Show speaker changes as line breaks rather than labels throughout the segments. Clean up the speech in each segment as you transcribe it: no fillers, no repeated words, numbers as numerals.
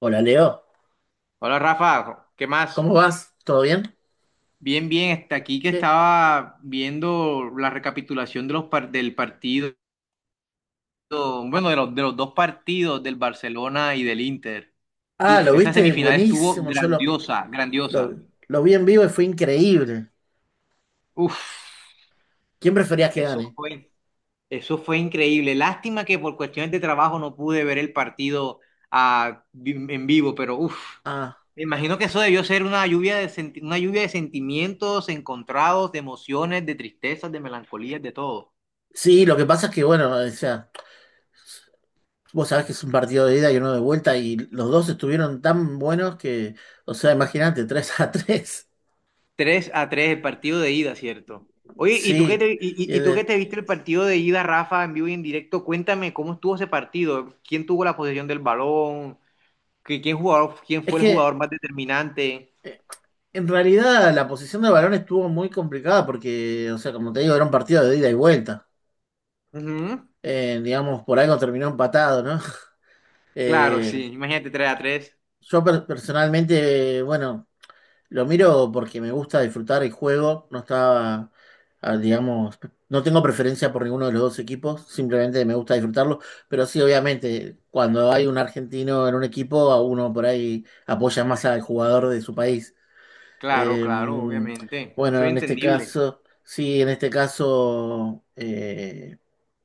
Hola Leo,
Hola Rafa, ¿qué más?
¿cómo vas? ¿Todo bien?
Bien, bien, está aquí que
Che.
estaba viendo la recapitulación de del partido, bueno, de los dos partidos del Barcelona y del Inter.
Ah,
Uf,
lo
esa
viste,
semifinal estuvo
buenísimo. Yo lo,
grandiosa, grandiosa.
lo, lo vi en vivo y fue increíble.
Uf,
¿Quién preferías que
eso
gane?
fue, eso fue increíble. Lástima que por cuestiones de trabajo no pude ver el partido en vivo, pero uf.
Ah,
Me imagino que eso debió ser una lluvia de sentimientos encontrados, de emociones, de tristezas, de melancolías, de todo.
sí, lo que pasa es que, bueno, o sea, vos sabés que es un partido de ida y uno de vuelta y los dos estuvieron tan buenos que, o sea, imagínate, 3 a 3.
Tres a 3 el partido de ida, ¿cierto? Oye,
Sí, y
¿y tú qué
el-
te viste el partido de ida, Rafa, en vivo y en directo? Cuéntame cómo estuvo ese partido, quién tuvo la posesión del balón, ¿ quién
es
fue el
que
jugador más determinante.
eh, en realidad la posición de balón estuvo muy complicada porque, o sea, como te digo, era un partido de ida y vuelta.
Ujú.
Digamos, por algo terminó empatado, ¿no?
Claro,
Eh,
sí, imagínate tres a tres.
Personalmente, bueno, lo miro porque me gusta disfrutar el juego. Digamos, no tengo preferencia por ninguno de los dos equipos, simplemente me gusta disfrutarlo. Pero sí, obviamente, cuando hay un argentino en un equipo, a uno por ahí apoya más al jugador de su país.
Claro,
Eh,
claro, obviamente.
bueno,
Soy
en este
entendible.
caso, sí, en este caso,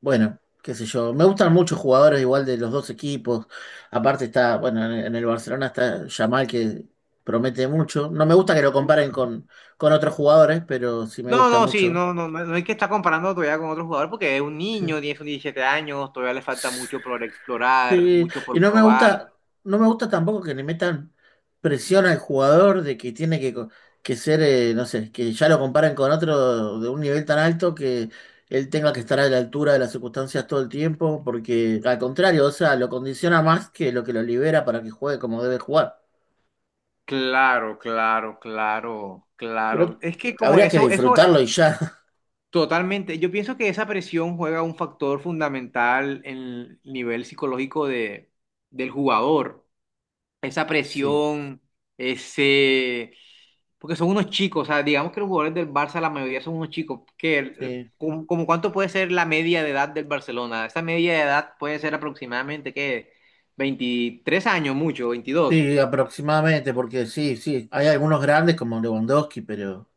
bueno, qué sé yo. Me gustan muchos jugadores igual de los dos equipos. Aparte está, bueno, en el Barcelona está Yamal que promete mucho. No me gusta que lo comparen con otros jugadores, pero sí me
No,
gusta
no, sí,
mucho.
no, no, no hay que estar comparando todavía con otro jugador porque es un niño, tiene sus 17 años, todavía le falta
Sí.
mucho por explorar,
Sí,
mucho
y
por
no me
probar.
gusta, no me gusta tampoco que le metan presión al jugador de que tiene que, que ser, no sé, que ya lo comparen con otro de un nivel tan alto que él tenga que estar a la altura de las circunstancias todo el tiempo, porque al contrario, o sea, lo condiciona más que lo libera para que juegue como debe jugar.
Claro, claro, claro,
Creo
claro. Es que
que
como
habría que
eso
disfrutarlo y ya.
totalmente, yo pienso que esa presión juega un factor fundamental en el nivel psicológico de, del jugador. Esa
Sí,
presión, ese... Porque son unos chicos, o sea, digamos que los jugadores del Barça, la mayoría son unos chicos. Que,
sí,
como cuánto puede ser la media de edad del Barcelona? Esa media de edad puede ser aproximadamente, ¿qué? 23 años, mucho, 22.
sí, aproximadamente, porque sí, sí, hay algunos grandes como Lewandowski, pero…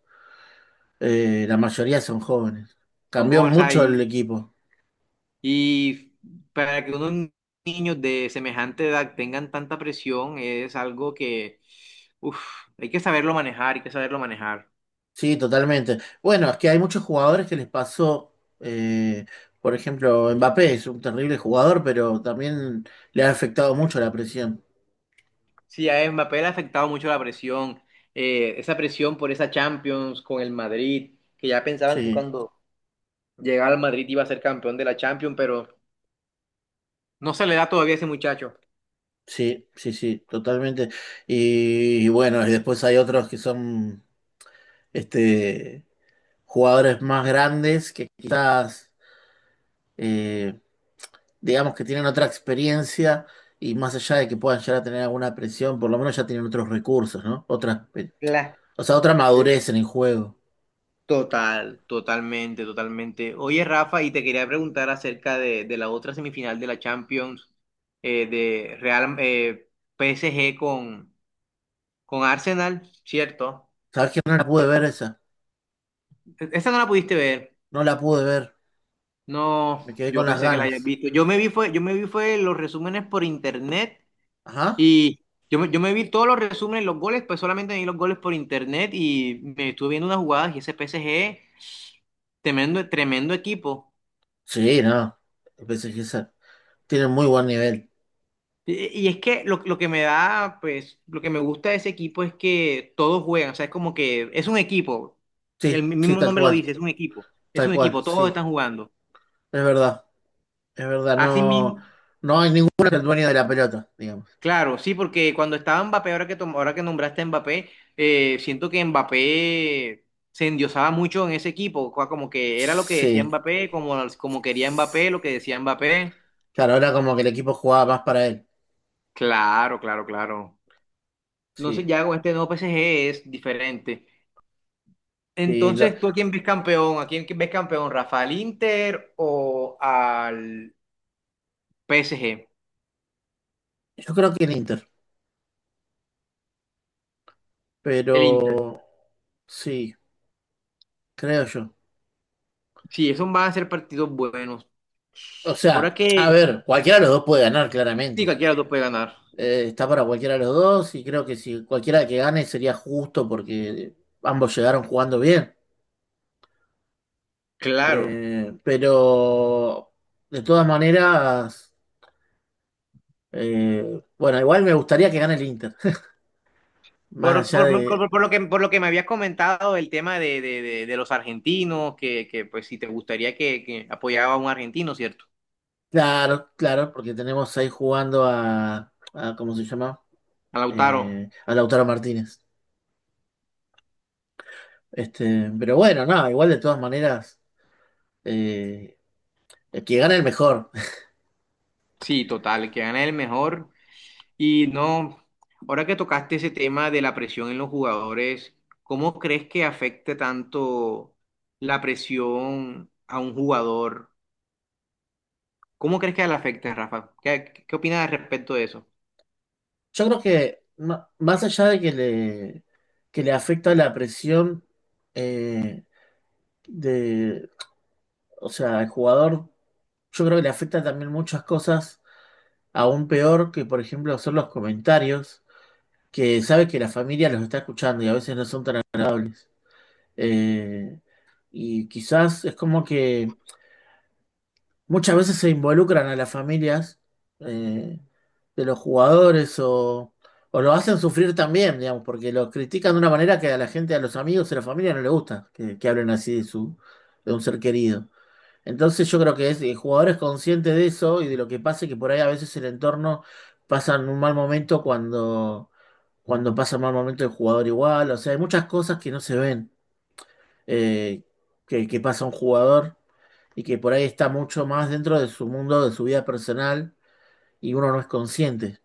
La mayoría son jóvenes.
Son
Cambió
jóvenes
mucho el
ahí.
equipo.
Y para que unos niños de semejante edad tengan tanta presión es algo que, uf, hay que saberlo manejar, hay que saberlo manejar.
Sí, totalmente. Bueno, es que hay muchos jugadores que les pasó, eh, por ejemplo, Mbappé es un terrible jugador, pero también le ha afectado mucho la presión.
Sí, a Mbappé le ha afectado mucho la presión, esa presión por esa Champions con el Madrid, que ya pensaban que
Sí,
cuando llegaba al Madrid iba a ser campeón de la Champions, pero no se le da todavía a ese muchacho.
sí, sí, sí, totalmente. Y bueno, y después hay otros que son este, jugadores más grandes que quizás… eh, digamos que tienen otra experiencia y más allá de que puedan llegar a tener alguna presión, por lo menos ya tienen otros recursos, ¿no? Otra,
La-
o sea, otra
claro.
madurez en el juego.
Total, totalmente, totalmente. Oye, Rafa, y te quería preguntar acerca de la otra semifinal de la Champions, de Real PSG con Arsenal, ¿cierto?
¿Sabes que no la pude ver esa?
Esa no la pudiste ver.
No la pude ver.
No,
Me quedé
yo
con las
pensé que la hayas
ganas.
visto. Yo me vi fue los resúmenes por internet
Ajá.
y yo me vi todos los resúmenes, los goles, pues solamente vi los goles por internet y me estuve viendo unas jugadas y ese PSG, tremendo, tremendo equipo.
Sí, no. El PSG tiene muy buen nivel.
Y es que lo que me da, pues, lo que me gusta de ese equipo es que todos juegan, o sea, es como que es un equipo,
Sí,
el
sí,
mismo
tal
nombre lo
cual.
dice, es
Tal
un
cual,
equipo, todos
sí.
están jugando.
Es verdad. Es verdad.
Así
No,
mismo.
no hay ninguno que el dueño de la pelota, digamos.
Claro, sí, porque cuando estaba Mbappé, ahora que nombraste a Mbappé, siento que Mbappé se endiosaba mucho en ese equipo, como que era lo que decía
Sí.
Mbappé, como, como quería Mbappé, lo que decía Mbappé.
Claro, ahora como que el equipo jugaba más para él.
Claro, claro, claro. Entonces
Sí.
ya con este nuevo PSG es diferente.
Sí,
Entonces, ¿tú a quién ves campeón? ¿A quién ves campeón? ¿Rafael Inter o al PSG?
yo creo que el Inter.
El Inter.
Pero sí, creo yo.
Sí, esos van a ser partidos buenos.
O
Ahora
sea,
que,
a ver, cualquiera de los dos puede ganar,
sí,
claramente.
cualquiera de los dos puede ganar.
Está para cualquiera de los dos y creo que si cualquiera que gane sería justo porque ambos llegaron jugando bien.
Claro.
Pero de todas maneras, bueno, igual me gustaría que gane el Inter. Más allá de…
Por lo que, por lo que me habías comentado, el tema de, de los argentinos, que, pues si te gustaría que apoyaba a un argentino, ¿cierto?
Claro, claro, porque tenemos ahí jugando a… a ¿cómo se llama?
A Lautaro.
A Lautaro Martínez. Este, pero bueno, nada, igual de todas maneras eh, el que gana el mejor.
Sí, total, que gana el mejor. Y no, ahora que tocaste ese tema de la presión en los jugadores, ¿cómo crees que afecte tanto la presión a un jugador? ¿Cómo crees que le afecte, Rafa? ¿Qué, qué opinas al respecto de eso?
Yo creo que más allá de que le afecta la presión eh, de, o sea, al jugador, yo creo que le afecta también muchas cosas, aún peor que, por ejemplo, son los comentarios, que sabe que la familia los está escuchando y a veces no son tan agradables. Eh, y quizás es como que muchas veces se involucran a las familias eh, de los jugadores o lo hacen sufrir también, digamos, porque los critican de una manera que a la gente, a los amigos y a la familia no le gusta que hablen así de su, de un ser querido. Entonces yo creo que es, el jugador es consciente de eso y de lo que pasa, y que por ahí a veces el entorno pasa en un mal momento cuando, cuando pasa un mal momento el jugador igual. O sea, hay muchas cosas que no se ven eh, que pasa un jugador y que por ahí está mucho más dentro de su mundo, de su vida personal, y uno no es consciente.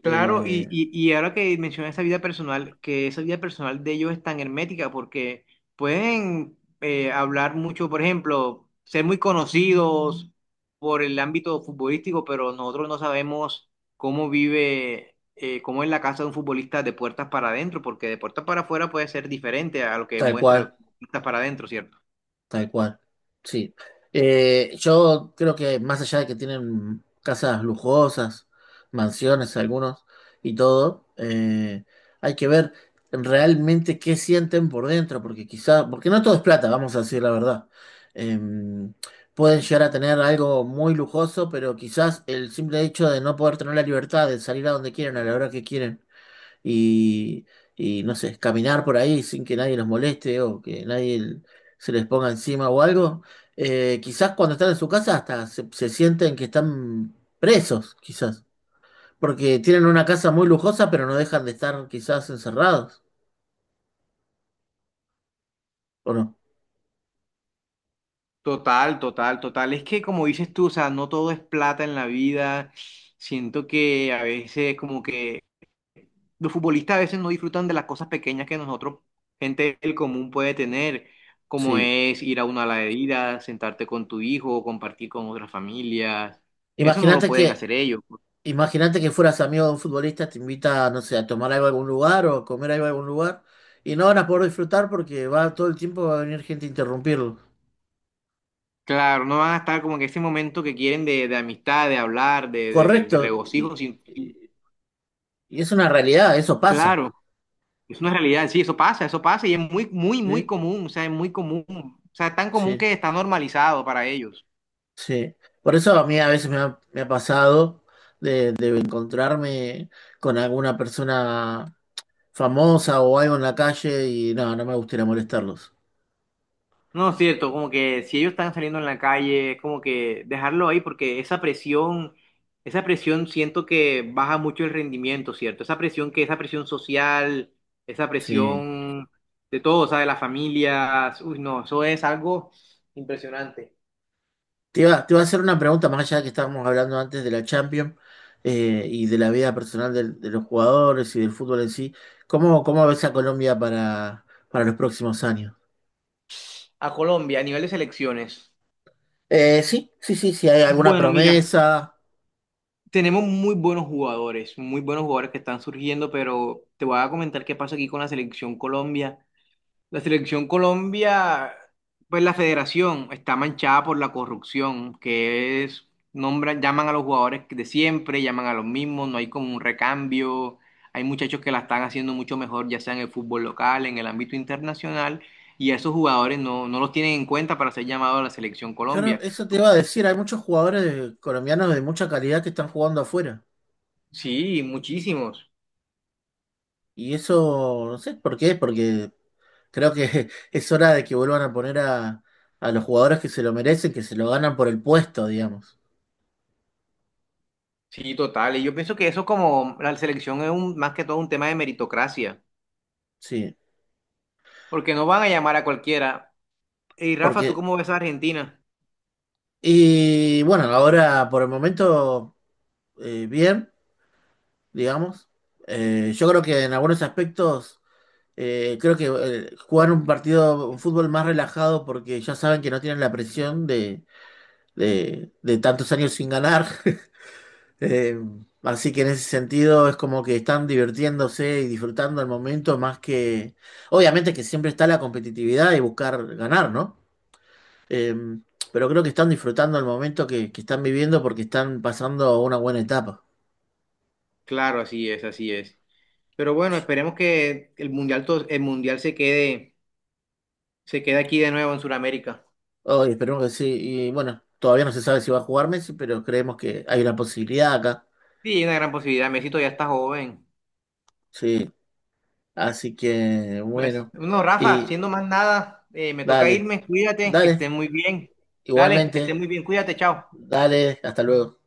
Claro,
Eh,
y ahora que mencionas esa vida personal, que esa vida personal de ellos es tan hermética porque pueden hablar mucho, por ejemplo, ser muy conocidos por el ámbito futbolístico, pero nosotros no sabemos cómo vive, cómo es la casa de un futbolista de puertas para adentro, porque de puertas para afuera puede ser diferente a lo que
tal
muestre
cual.
puertas para adentro, ¿cierto?
Tal cual, sí. Yo creo que más allá de que tienen casas lujosas, mansiones algunos y todo, hay que ver realmente qué sienten por dentro, porque quizá, porque no todo es plata, vamos a decir la verdad. Eh, pueden llegar a tener algo muy lujoso, pero quizás el simple hecho de no poder tener la libertad de salir a donde quieren, a la hora que quieren y, y, no sé, caminar por ahí sin que nadie los moleste o que nadie l- se les ponga encima o algo. Quizás cuando están en su casa hasta se, se sienten que están presos, quizás, porque tienen una casa muy lujosa, pero no dejan de estar quizás encerrados, ¿o no?
Total, total, total. Es que como dices tú, o sea, no todo es plata en la vida. Siento que a veces como que los futbolistas a veces no disfrutan de las cosas pequeñas que nosotros, gente del común, puede tener, como
Sí.
es ir a una ladería, sentarte con tu hijo, compartir con otras familias. Eso no lo
Imagínate que,
pueden hacer ellos.
imagínate que fueras amigo de un futbolista, te invita, no sé, a tomar algo a algún lugar o a comer algo a algún lugar. Y no van a poder disfrutar porque va todo el tiempo va a venir gente a interrumpirlo.
Claro, no van a estar como en ese momento que quieren de amistad, de hablar, de
Correcto.
regocijo.
Y es una realidad, eso pasa.
Claro, es una realidad, sí, eso pasa y es muy, muy, muy
Sí,
común, o sea, es muy común, o sea, es tan común
sí,
que está normalizado para ellos.
sí. Por eso a mí a veces me ha pasado de encontrarme con alguna persona famosa o algo en la calle y no, no me gustaría molestarlos.
No, cierto, como que si ellos están saliendo en la calle, es como que dejarlo ahí porque esa presión siento que baja mucho el rendimiento, ¿cierto? Esa presión que, esa presión social, esa
Sí.
presión de todo, o sea, de las familias, uy, no, eso es algo impresionante.
Te iba a hacer una pregunta más allá de que estábamos hablando antes de la Champions y de la vida personal de los jugadores y del fútbol en sí. ¿Cómo, cómo ves a Colombia para los próximos años?
A Colombia, a nivel de selecciones,
Sí, sí, sí, si hay alguna
bueno, mira,
promesa.
tenemos muy buenos jugadores que están surgiendo, pero te voy a comentar qué pasa aquí con la selección Colombia. La selección Colombia, pues la federación está manchada por la corrupción, que es, nombran, llaman a los jugadores de siempre, llaman a los mismos, no hay como un recambio, hay muchachos que la están haciendo mucho mejor, ya sea en el fútbol local, en el ámbito internacional, y a esos jugadores no los tienen en cuenta para ser llamados a la selección
Claro,
Colombia.
eso te iba a decir, hay muchos jugadores colombianos de mucha calidad que están jugando afuera.
Sí, muchísimos.
Y eso, no sé por qué, porque creo que es hora de que vuelvan a poner a los jugadores que se lo merecen, que se lo ganan por el puesto, digamos.
Sí, total. Y yo pienso que eso como la selección es un, más que todo un tema de meritocracia,
Sí,
porque no van a llamar a cualquiera. Y Rafa, ¿tú
porque,
cómo ves a Argentina?
y bueno, ahora por el momento, bien, digamos. Yo creo que en algunos aspectos, creo que jugar un partido, un fútbol más relajado porque ya saben que no tienen la presión de tantos años sin ganar. Eh, así que en ese sentido es como que están divirtiéndose y disfrutando el momento más que… Obviamente que siempre está la competitividad y buscar ganar, ¿no? Eh, pero creo que están disfrutando el momento que están viviendo porque están pasando una buena etapa.
Claro, así es, así es. Pero bueno, esperemos que el mundial, el mundial se quede aquí de nuevo en Sudamérica.
Oh, y esperemos que sí. Y bueno, todavía no se sabe si va a jugar Messi, pero creemos que hay una posibilidad acá.
Sí, hay una gran posibilidad. Messi ya está joven.
Sí. Así que
Pues,
bueno.
no, Rafa, siendo
Y
más nada, me toca
dale,
irme. Cuídate, que estés
dale.
muy bien. Dale, que estés
Igualmente.
muy bien. Cuídate, chao.
Dale, hasta luego.